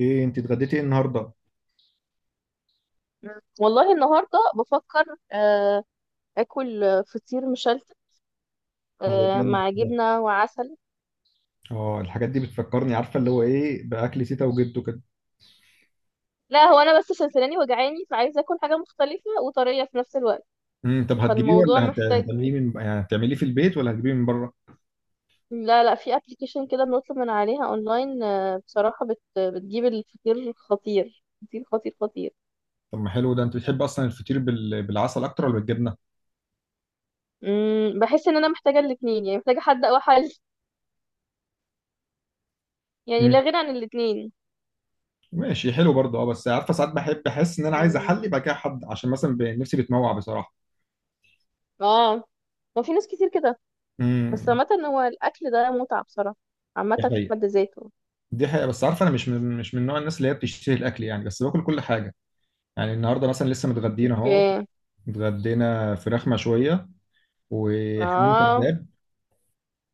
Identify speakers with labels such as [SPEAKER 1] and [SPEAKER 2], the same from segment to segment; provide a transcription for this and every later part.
[SPEAKER 1] ايه انت اتغديتي ايه النهارده؟
[SPEAKER 2] والله النهارده بفكر اكل فطير مشلتت.
[SPEAKER 1] هو جامد
[SPEAKER 2] مع
[SPEAKER 1] ده.
[SPEAKER 2] جبنه وعسل.
[SPEAKER 1] اه، الحاجات دي بتفكرني، عارفه اللي هو ايه، باكل تيتا وجدو كده.
[SPEAKER 2] لا هو انا بس سلسلاني وجعاني فعايزه اكل حاجه مختلفه وطريه في نفس الوقت.
[SPEAKER 1] طب هتجيبيه
[SPEAKER 2] فالموضوع
[SPEAKER 1] ولا
[SPEAKER 2] محتاج.
[SPEAKER 1] هتعمليه من، يعني هتعمليه في البيت ولا هتجيبيه من بره؟
[SPEAKER 2] لا لا في ابلكيشن كده بنطلب من عليها اونلاين. بصراحه بتجيب الفطير خطير خطير خطير خطير.
[SPEAKER 1] طب ما حلو ده، انت بتحب اصلا الفطير بالعسل اكتر ولا بالجبنه؟
[SPEAKER 2] بحس ان انا محتاجه الاتنين، يعني محتاجه حد او حل. يعني
[SPEAKER 1] امم،
[SPEAKER 2] لا غنى عن الاتنين.
[SPEAKER 1] ماشي، حلو برضه. اه، بس عارفه ساعات بحب احس ان انا عايز
[SPEAKER 2] مم،
[SPEAKER 1] احلي بقى كده حد، عشان مثلا نفسي بتموع بصراحه.
[SPEAKER 2] اه. ما في ناس كتير كده. بس
[SPEAKER 1] امم.
[SPEAKER 2] عامة هو الأكل ده متعة بصراحة، عامة
[SPEAKER 1] دي
[SPEAKER 2] في
[SPEAKER 1] حقيقه.
[SPEAKER 2] حد ذاته.
[SPEAKER 1] دي حقيقه، بس عارفه انا مش من نوع الناس اللي هي بتشتهي الاكل، يعني بس باكل كل حاجه. يعني النهارده مثلا لسه متغدينا اهو.
[SPEAKER 2] اوكي.
[SPEAKER 1] اتغدينا فراخ مشويه، وحمام
[SPEAKER 2] اه.
[SPEAKER 1] كذاب،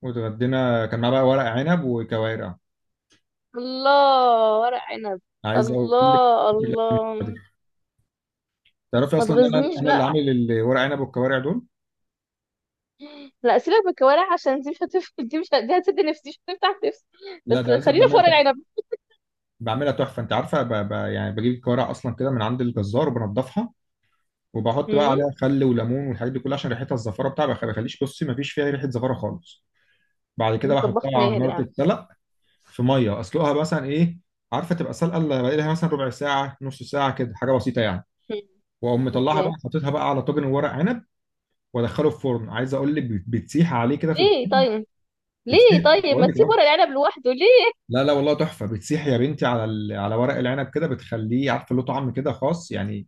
[SPEAKER 1] واتغدينا كان معاه بقى ورق عنب وكوارع.
[SPEAKER 2] الله، ورق عنب.
[SPEAKER 1] عايز اقول لك
[SPEAKER 2] الله
[SPEAKER 1] الأكل مش
[SPEAKER 2] الله.
[SPEAKER 1] قادر. تعرفي
[SPEAKER 2] ما
[SPEAKER 1] اصلا ان انا
[SPEAKER 2] تغزنيش
[SPEAKER 1] انا اللي
[SPEAKER 2] بقى.
[SPEAKER 1] عامل الورق عنب والكوارع دول.
[SPEAKER 2] لا سيبك من الكوارع عشان دي مش هتف دي هتسد نفسي، مش هتفتح نفسي.
[SPEAKER 1] لا،
[SPEAKER 2] بس
[SPEAKER 1] ده عايزك،
[SPEAKER 2] خلينا في
[SPEAKER 1] بعملها
[SPEAKER 2] ورق
[SPEAKER 1] تحفه.
[SPEAKER 2] العنب.
[SPEAKER 1] بعملها تحفه، انت عارفه، يعني بجيب الكوارع اصلا كده من عند الجزار وبنضفها. وبحط بقى
[SPEAKER 2] امم
[SPEAKER 1] عليها خل وليمون والحاجات دي كلها، عشان ريحتها الزفاره بتاعها ما بخليش، بصي ما فيش فيها ريحه زفاره خالص. بعد كده
[SPEAKER 2] طباخ
[SPEAKER 1] بحطها على
[SPEAKER 2] ماهر
[SPEAKER 1] النار
[SPEAKER 2] يعني.
[SPEAKER 1] تتسلق، في ميه اسلقها مثلا ايه، عارفه تبقى سلقه اللي بقى لها مثلا ربع ساعه، نص ساعه كده، حاجه بسيطه يعني.
[SPEAKER 2] مم.
[SPEAKER 1] واقوم مطلعها
[SPEAKER 2] اوكي.
[SPEAKER 1] بقى، حاططها بقى على طاجن ورق عنب، وادخله الفرن. عايز اقول لك بتسيح عليه كده في
[SPEAKER 2] ليه
[SPEAKER 1] الفرن.
[SPEAKER 2] طيب؟ ليه
[SPEAKER 1] بتسيح
[SPEAKER 2] طيب ما
[SPEAKER 1] بقول لك
[SPEAKER 2] تسيب
[SPEAKER 1] اهو.
[SPEAKER 2] ورق العنب لوحده ليه؟
[SPEAKER 1] لا لا، والله تحفه، بتسيح يا بنتي على على ورق العنب كده، بتخليه عارفه له طعم كده خاص يعني.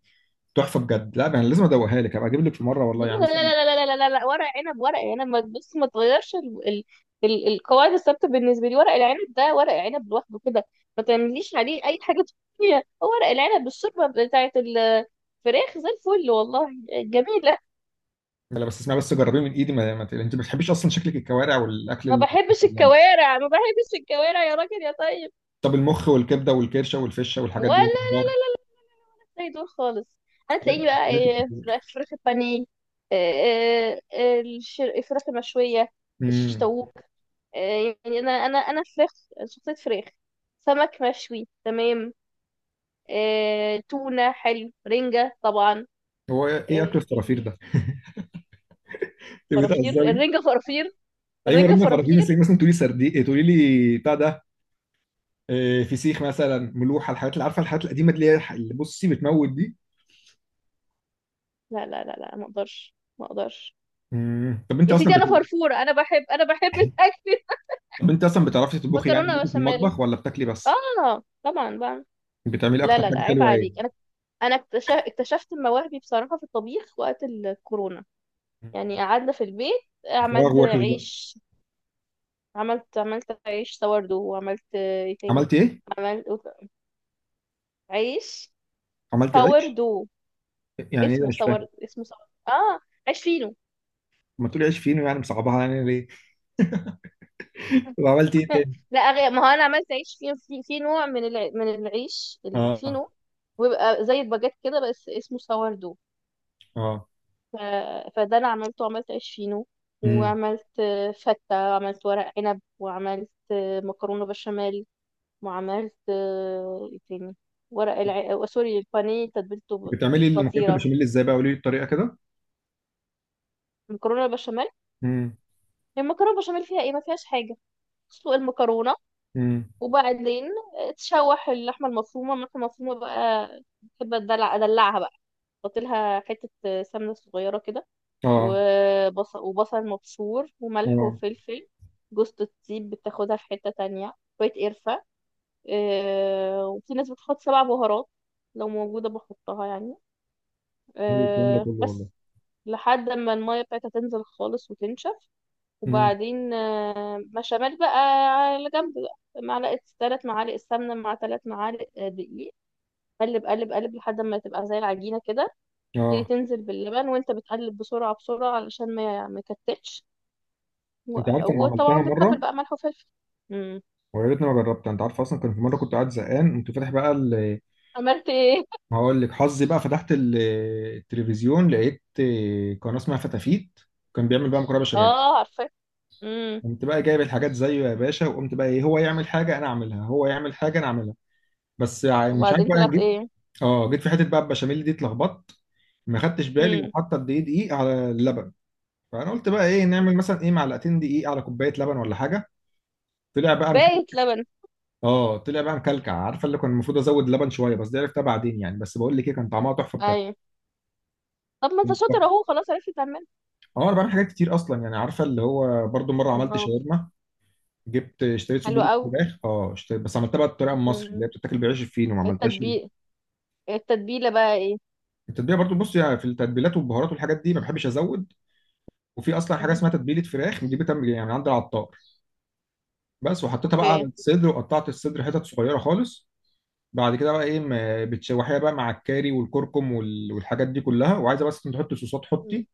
[SPEAKER 1] تحفه بجد، لا انا لازم ادوقها لك، هبقى اجيب لك في مره
[SPEAKER 2] لا
[SPEAKER 1] والله، يعني
[SPEAKER 2] لا
[SPEAKER 1] مثلا.
[SPEAKER 2] لا لا لا لا لا لا، ورق عنب ورق عنب ما تبص، ما تغيرش القواعد الثابته بالنسبه لي. ورق العنب ده ورق عنب لوحده كده، ما تعمليش عليه اي حاجه تانية. هو ورق العنب بالشوربه بتاعت الفراخ زي الفل والله جميله.
[SPEAKER 1] لا، بس اسمها، بس جربيه من ايدي. ما... ما... ت- انت ما بتحبيش اصلا شكلك الكوارع والاكل
[SPEAKER 2] ما
[SPEAKER 1] ال-.
[SPEAKER 2] بحبش الكوارع ما بحبش الكوارع يا راجل يا طيب.
[SPEAKER 1] طب المخ والكبده والكرشه والفشه والحاجات دي
[SPEAKER 2] ولا
[SPEAKER 1] والخضار.
[SPEAKER 2] زي دول خالص.
[SPEAKER 1] لا،
[SPEAKER 2] هتلاقيني
[SPEAKER 1] لا،
[SPEAKER 2] بقى
[SPEAKER 1] لا،
[SPEAKER 2] إيه، فراخ،
[SPEAKER 1] كتير.
[SPEAKER 2] فراخ البانيه، إيه، إيه، إيه، الفراخ المشويه، الشيش
[SPEAKER 1] امم.
[SPEAKER 2] طاووق. آه، يعني انا فراخ، شخصيه فراخ. سمك مشوي تمام. تونه حلو، رنجه طبعا.
[SPEAKER 1] هو ايه اكل
[SPEAKER 2] ايه
[SPEAKER 1] الفرافير
[SPEAKER 2] تاني؟
[SPEAKER 1] ده؟ انت
[SPEAKER 2] فرافير
[SPEAKER 1] بتهزري؟
[SPEAKER 2] الرنجه فرافير.
[SPEAKER 1] ايوه،
[SPEAKER 2] الرنجه
[SPEAKER 1] رنه فرافيم
[SPEAKER 2] فرافير.
[SPEAKER 1] السنين، مثلا تقولي سردي، تقولي لي بتاع ده. آه، فسيخ مثلا، ملوحه، الحاجات اللي عارفه، الحاجات القديمه اللي هي اللي بصي بتموت دي.
[SPEAKER 2] لا لا لا لا، ما اقدرش ما اقدرش.
[SPEAKER 1] مم.
[SPEAKER 2] يا سيدي انا فرفوره، انا بحب الاكل.
[SPEAKER 1] طب انت اصلا بتعرفي تطبخي، يعني
[SPEAKER 2] مكرونه
[SPEAKER 1] ليكي في
[SPEAKER 2] بشاميل.
[SPEAKER 1] المطبخ ولا بتاكلي بس؟
[SPEAKER 2] اه طبعا بقى.
[SPEAKER 1] بتعملي
[SPEAKER 2] لا
[SPEAKER 1] اكتر
[SPEAKER 2] لا
[SPEAKER 1] حاجه
[SPEAKER 2] لا عيب
[SPEAKER 1] حلوه ايه؟
[SPEAKER 2] عليك. انا، انا اكتشفت مواهبي بصراحه في الطبيخ وقت الكورونا. يعني قعدنا في البيت.
[SPEAKER 1] الفراغ
[SPEAKER 2] عملت
[SPEAKER 1] وحش بقى.
[SPEAKER 2] عيش. عملت عيش دو، وعملت ايه تاني.
[SPEAKER 1] عملتي ايه؟
[SPEAKER 2] عملت عيش
[SPEAKER 1] عملتي عيش؟
[SPEAKER 2] دو.
[SPEAKER 1] يعني ايه ده،
[SPEAKER 2] اسمه
[SPEAKER 1] مش
[SPEAKER 2] سور،
[SPEAKER 1] فاهم.
[SPEAKER 2] اسمه سور. اه، عيش فينو.
[SPEAKER 1] ما تقولي عيش فينو يعني، مصعبها يعني ليه؟ طب عملتي ايه تاني؟
[SPEAKER 2] لا، غير ما هو انا عملت عيش فينو، في نوع من العيش
[SPEAKER 1] اه.
[SPEAKER 2] الفينو، ويبقى زي الباجيت كده بس اسمه سوردو.
[SPEAKER 1] اه.
[SPEAKER 2] ف... فده انا عملته. عملت عيش فينو،
[SPEAKER 1] مم.
[SPEAKER 2] وعملت فتة، وعملت ورق عنب، وعملت مكرونة بشاميل، وعملت ايه تاني. ورق الع... آه، سوري، البانيه تتبيلته.
[SPEAKER 1] بتعملي المكرونه
[SPEAKER 2] خطيرة
[SPEAKER 1] البشاميل ازاي بقى؟ قولي لي الطريقه كده.
[SPEAKER 2] المكرونه البشاميل.
[SPEAKER 1] امم.
[SPEAKER 2] هي المكرونه البشاميل فيها ايه؟ ما فيهاش حاجه. تسلق المكرونه،
[SPEAKER 1] امم.
[SPEAKER 2] وبعدين تشوح اللحمه المفرومه. اللحمه المفرومه بقى بحب ادلعها بقى، احط لها حته سمنه صغيره كده،
[SPEAKER 1] اه.
[SPEAKER 2] وبصل مبشور وملح
[SPEAKER 1] اه.
[SPEAKER 2] وفلفل. جوزة الطيب بتاخدها في حته تانية، شويه قرفه. آه، وفي ناس بتحط سبع بهارات، لو موجوده بحطها يعني.
[SPEAKER 1] حلو الكلام ده
[SPEAKER 2] آه،
[SPEAKER 1] كله
[SPEAKER 2] بس.
[SPEAKER 1] والله.
[SPEAKER 2] لحد ما الميه بتاعتها تنزل خالص وتنشف، وبعدين بشاميل بقى. على جنب بقى، معلقة، 3 معالق السمنة مع 3 معالق دقيق. قلب قلب قلب لحد ما تبقى زي العجينة كده. تيجي
[SPEAKER 1] اه،
[SPEAKER 2] تنزل باللبن وانت بتقلب بسرعة بسرعة، علشان ما يكتلش.
[SPEAKER 1] انت عارف انا عملتها
[SPEAKER 2] وطبعا
[SPEAKER 1] مره.
[SPEAKER 2] بتتبل بقى ملح وفلفل. امم.
[SPEAKER 1] ويا ريتني ما جربتها، انت عارف اصلا كان في مره كنت قاعد زهقان، كنت فاتح بقى ال-.
[SPEAKER 2] عملت ايه؟
[SPEAKER 1] ما هقول لك حظي بقى، فتحت التلفزيون، لقيت قناه اسمها فتافيت، كان بيعمل بقى مكرونه بشاميل.
[SPEAKER 2] اه، عارفة. امم.
[SPEAKER 1] قمت بقى جايب الحاجات زيه يا باشا، وقمت بقى ايه، هو يعمل حاجه انا اعملها، هو يعمل حاجه انا اعملها. بس مش عارف
[SPEAKER 2] وبعدين
[SPEAKER 1] بقى،
[SPEAKER 2] طلعت
[SPEAKER 1] جيت.
[SPEAKER 2] ايه؟
[SPEAKER 1] اه، جيت في حته بقى البشاميل دي اتلخبطت. ما خدتش بالي
[SPEAKER 2] امم.
[SPEAKER 1] وحاطه قد ايه دقيق على اللبن. فانا قلت بقى ايه، نعمل مثلا ايه، معلقتين دقيق على كوبايه لبن ولا حاجه. طلع بقى.
[SPEAKER 2] باقي لبن.
[SPEAKER 1] اه، طلع بقى مكلكع، عارفه اللي كان المفروض ازود لبن شويه، بس دي عرفتها بعدين يعني، بس بقول لك ايه، كان طعمها تحفه بجد.
[SPEAKER 2] ايوه. طب ما انت
[SPEAKER 1] كانت
[SPEAKER 2] شاطر
[SPEAKER 1] تحفه.
[SPEAKER 2] اهو، خلاص عرفت تعمل.
[SPEAKER 1] اه، انا بعمل حاجات كتير اصلا يعني، عارفه اللي هو برضو مره عملت
[SPEAKER 2] برافو.
[SPEAKER 1] شاورما. جبت اشتريت صدور
[SPEAKER 2] حلو قوي.
[SPEAKER 1] فراخ، اه اشتريت بس عملتها بقى بالطريقه المصري، اللي
[SPEAKER 2] امم.
[SPEAKER 1] هي بتتاكل بعيش الفينو، ما عملتهاش ال-.
[SPEAKER 2] التتبيل. التتبيلة بقى ايه؟
[SPEAKER 1] التتبيله برضو بص، يعني في التتبيلات والبهارات والحاجات دي ما بحبش ازود. وفي اصلا حاجه اسمها تتبيله فراخ دي، بتعمل يعني من عند العطار بس، وحطيتها بقى على
[SPEAKER 2] اوكي.
[SPEAKER 1] الصدر، وقطعت الصدر حتت صغيره خالص. بعد كده بقى ايه، بتشوحيها بقى مع الكاري والكركم والحاجات دي كلها، وعايزه بس انت تحطي صوصات،
[SPEAKER 2] مم.
[SPEAKER 1] حطي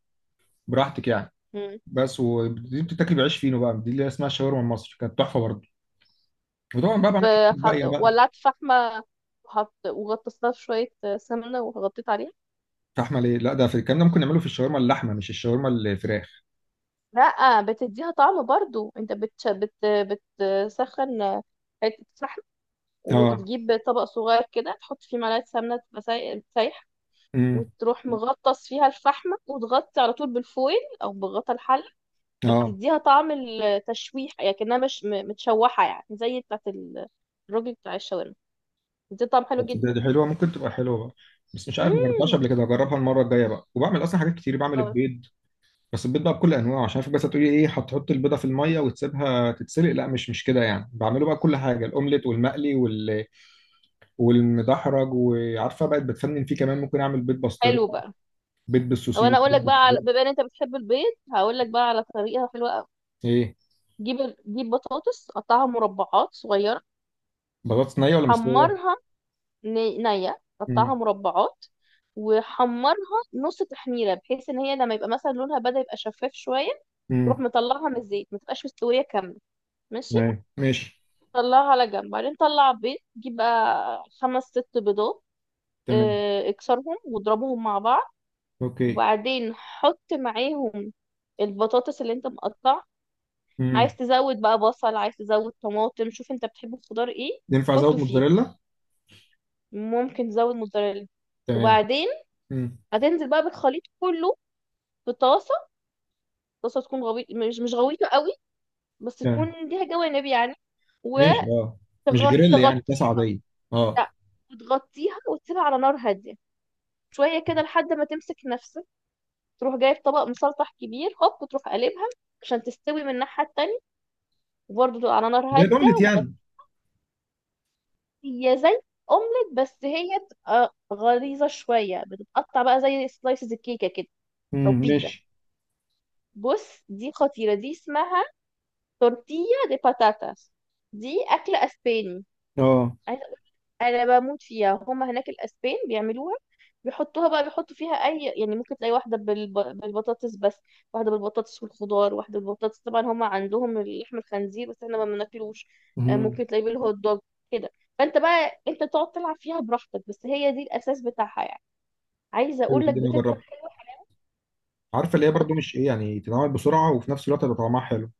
[SPEAKER 1] براحتك يعني.
[SPEAKER 2] مم.
[SPEAKER 1] بس ودي بتتاكل بعيش فينو بقى، دي اللي اسمها الشاورما المصري، كانت تحفه برضه. وطبعا بقى
[SPEAKER 2] طب.
[SPEAKER 1] بعمل حاجات باقيه بقى.
[SPEAKER 2] ولعت فحمة، وحط، وغطست لها شوية سمنة، وغطيت عليها.
[SPEAKER 1] فاحمل ايه؟ لا ده، في الكلام ده ممكن نعمله في الشاورما اللحمه، مش الشاورما الفراخ.
[SPEAKER 2] لا، بتديها طعم برضو. انت بتسخن حتة فحم،
[SPEAKER 1] اه.
[SPEAKER 2] وتجيب طبق صغير كده تحط فيه معلقة سمنة تبقى سايحة،
[SPEAKER 1] امم.
[SPEAKER 2] وتروح مغطس فيها الفحمة، وتغطي على طول بالفويل أو بغطا الحلة.
[SPEAKER 1] اه.
[SPEAKER 2] فبتديها طعم التشويح، يعني كأنها مش متشوحة، يعني زي بتاعة الراجل بتاع الشاورما. بتدي طعم حلو جدا.
[SPEAKER 1] دي حلوه، ممكن تبقى حلوه بقى. بس مش عارف، ما جربتهاش
[SPEAKER 2] مم.
[SPEAKER 1] قبل كده، هجربها المره الجايه بقى. وبعمل اصلا حاجات كتير، بعمل
[SPEAKER 2] خلاص.
[SPEAKER 1] البيض. بس البيض بقى بكل انواعه، عشان في بس هتقولي ايه، هتحط البيضه في الميه وتسيبها تتسلق، لا، مش كده يعني، بعمله بقى كل حاجه، الاومليت والمقلي والمدحرج، وعارفه بقت بتفنن فيه كمان، ممكن اعمل بيض بسطرمه،
[SPEAKER 2] حلو بقى.
[SPEAKER 1] بيض
[SPEAKER 2] او
[SPEAKER 1] بالسوسيس،
[SPEAKER 2] انا اقول
[SPEAKER 1] بيض
[SPEAKER 2] لك بقى،
[SPEAKER 1] بالسجق.
[SPEAKER 2] على... بما ان انت بتحب البيض، هقول لك بقى على طريقه حلوه قوي.
[SPEAKER 1] ايه؟
[SPEAKER 2] جيب، جيب بطاطس، قطعها مربعات صغيره،
[SPEAKER 1] بطاطس نيه ولا مستويه؟
[SPEAKER 2] حمرها، نيه قطعها
[SPEAKER 1] امم.
[SPEAKER 2] مربعات وحمرها نص تحميره، بحيث ان هي لما يبقى مثلا لونها بدأ يبقى شفاف شويه،
[SPEAKER 1] امم.
[SPEAKER 2] تروح مطلعها من الزيت. ما تبقاش مستويه كامله. ماشي.
[SPEAKER 1] تمام ماشي.
[SPEAKER 2] طلعها على جنب، بعدين طلع بيض، جيب بقى خمس ست بيضات.
[SPEAKER 1] تمام.
[SPEAKER 2] اكسرهم واضربهم مع بعض،
[SPEAKER 1] اوكي.
[SPEAKER 2] وبعدين حط معاهم البطاطس اللي انت مقطعها. عايز
[SPEAKER 1] امم.
[SPEAKER 2] تزود بقى بصل، عايز تزود طماطم، شوف انت بتحب الخضار ايه.
[SPEAKER 1] ينفع ازود
[SPEAKER 2] حطه فيه،
[SPEAKER 1] موتزاريلا؟
[SPEAKER 2] ممكن تزود موتزاريلا.
[SPEAKER 1] تمام.
[SPEAKER 2] وبعدين
[SPEAKER 1] امم.
[SPEAKER 2] هتنزل بقى بالخليط كله في طاسة. طاسة تكون غويط، مش غويطة قوي، بس
[SPEAKER 1] تمام
[SPEAKER 2] تكون ليها جوانب يعني.
[SPEAKER 1] ماشي. اه. مش جريل يعني، كاسه
[SPEAKER 2] وتغطيها.
[SPEAKER 1] عاديه؟ اه.
[SPEAKER 2] لا، وتغطيها، وتسيبها على نار هادية شوية كده لحد ما تمسك نفسك، تروح جايب طبق مسلطح كبير، هوب تروح قلبها عشان تستوي من الناحية التانية، وبرضه على نار
[SPEAKER 1] زي
[SPEAKER 2] هادية.
[SPEAKER 1] الاومليت يعني؟
[SPEAKER 2] ومغطية زي أومليت، بس هي بتبقى غليظة شوية، بتتقطع بقى زي سلايسز الكيكة كده، أو
[SPEAKER 1] امم،
[SPEAKER 2] بيتزا.
[SPEAKER 1] ماشي.
[SPEAKER 2] بص دي خطيرة، دي اسمها تورتيا دي باتاتاس، دي أكلة أسباني.
[SPEAKER 1] اه.
[SPEAKER 2] انا بموت فيها. هم هناك الاسبان بيعملوها، بيحطوها بقى، بيحطوا فيها اي، يعني ممكن تلاقي واحده بالبطاطس بس، واحده بالبطاطس والخضار، واحده بالبطاطس. طبعا هم عندهم لحم الخنزير بس احنا ما بناكلوش.
[SPEAKER 1] امم.
[SPEAKER 2] ممكن تلاقيه بالهوت دوج كده. فانت بقى انت تقعد تلعب فيها براحتك، بس هي دي الاساس بتاعها يعني. عايزه
[SPEAKER 1] حلو
[SPEAKER 2] اقول لك
[SPEAKER 1] الدنيا،
[SPEAKER 2] بتطلع
[SPEAKER 1] جربت.
[SPEAKER 2] حلوه
[SPEAKER 1] عارفه اللي هي برضو مش ايه يعني، تتعمل بسرعه وفي نفس الوقت هيبقى طعمها حلو.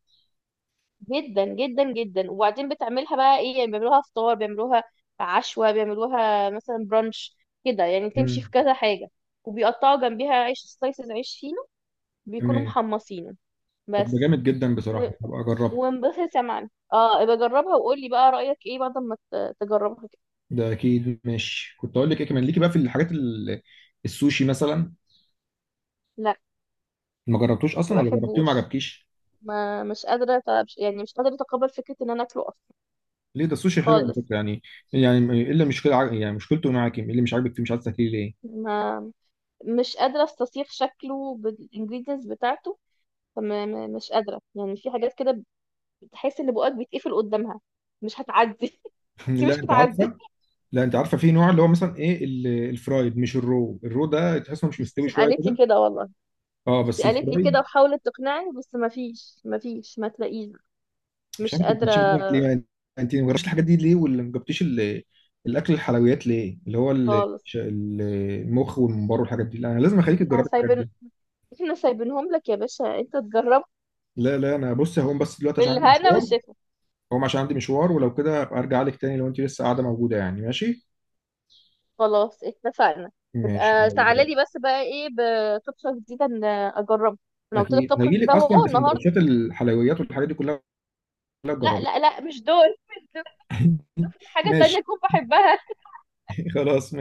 [SPEAKER 2] جدا جدا جدا. وبعدين بتعملها بقى ايه؟ يعني بيعملوها فطار، بيعملوها عشوة، بيعملوها مثلا برانش كده يعني، تمشي في
[SPEAKER 1] امم.
[SPEAKER 2] كذا حاجة. وبيقطعوا جنبيها عيش سلايسز، عيش فينو بيكونوا
[SPEAKER 1] تمام.
[SPEAKER 2] محمصينه.
[SPEAKER 1] طب ده
[SPEAKER 2] بس.
[SPEAKER 1] جامد جدا
[SPEAKER 2] و...
[SPEAKER 1] بصراحه، هبقى اجربها.
[SPEAKER 2] وانبسط يا معلم. اه ابقى جربها وقول لي بقى رأيك ايه بعد ما تجربها كده.
[SPEAKER 1] ده اكيد ماشي، كنت اقول لك ايه كمان ليكي بقى في الحاجات السوشي مثلا.
[SPEAKER 2] لا،
[SPEAKER 1] ما جربتوش
[SPEAKER 2] ما
[SPEAKER 1] اصلا ولا جربتيه وما
[SPEAKER 2] بحبوش.
[SPEAKER 1] عجبكيش؟
[SPEAKER 2] ما مش قادرة يعني مش قادرة اتقبل فكرة ان انا اكله اصلا.
[SPEAKER 1] ليه؟ ده السوشي حلو على
[SPEAKER 2] خالص.
[SPEAKER 1] فكره يعني. يعني ايه اللي مشكله يعني مشكلته معاكي، ايه اللي مش عاجبك فيه، مش عايز تاكليه ليه؟
[SPEAKER 2] ما مش قادرة استصيغ شكله بالانجريدينتس بتاعته. طب مش قادرة. يعني في حاجات كده بتحس ان بقك بيتقفل قدامها، مش هتعدي. انت مش
[SPEAKER 1] لا، انت
[SPEAKER 2] هتعدي.
[SPEAKER 1] عارفه. لا، انت عارفه، في نوع اللي هو مثلا ايه الفرايد مش الرو، الرو ده تحس انه مش مستوي
[SPEAKER 2] بس
[SPEAKER 1] شويه
[SPEAKER 2] قالت لي
[SPEAKER 1] كده.
[SPEAKER 2] كده والله.
[SPEAKER 1] اه،
[SPEAKER 2] بس
[SPEAKER 1] بس
[SPEAKER 2] قالت لي كده
[SPEAKER 1] الفرايد.
[SPEAKER 2] وحاولت تقنعني، بس ما فيش، ما تلاقيش.
[SPEAKER 1] مش
[SPEAKER 2] مش
[SPEAKER 1] عارف، انت
[SPEAKER 2] قادرة
[SPEAKER 1] بتشوف دماغك ليه يعني؟ انت ما جربتش الحاجات دي ليه، ولا ما جبتيش الاكل، الحلويات ليه، اللي هو
[SPEAKER 2] خالص.
[SPEAKER 1] المخ والممبار والحاجات دي. لا انا لازم اخليك
[SPEAKER 2] احنا
[SPEAKER 1] تجربي الحاجات
[SPEAKER 2] سايبين،
[SPEAKER 1] دي.
[SPEAKER 2] احنا سايبينهم لك يا باشا انت تجرب.
[SPEAKER 1] لا لا، انا بص هقوم بس دلوقتي عشان عندي
[SPEAKER 2] بالهنا
[SPEAKER 1] مشوار.
[SPEAKER 2] والشفا.
[SPEAKER 1] هقوم عشان عندي مشوار، ولو كده ابقى ارجع لك تاني، لو انت لسه قاعده موجوده، يعني ماشي.
[SPEAKER 2] خلاص، اتفقنا.
[SPEAKER 1] ماشي
[SPEAKER 2] تبقى
[SPEAKER 1] يلا
[SPEAKER 2] تعالى
[SPEAKER 1] باي.
[SPEAKER 2] لي بس بقى ايه بطبخة جديدة ان اجربها. انا قلت لك
[SPEAKER 1] اكيد
[SPEAKER 2] طبخة
[SPEAKER 1] هجي لك،
[SPEAKER 2] جديدة
[SPEAKER 1] اصلا
[SPEAKER 2] اهو النهارده.
[SPEAKER 1] بسندوتشات الحلويات والحاجات دي كلها، كلها
[SPEAKER 2] لا
[SPEAKER 1] تجربي.
[SPEAKER 2] لا لا مش دول. مش دول. شوف لي حاجة
[SPEAKER 1] ماشي
[SPEAKER 2] تانية اكون بحبها.
[SPEAKER 1] خلاص.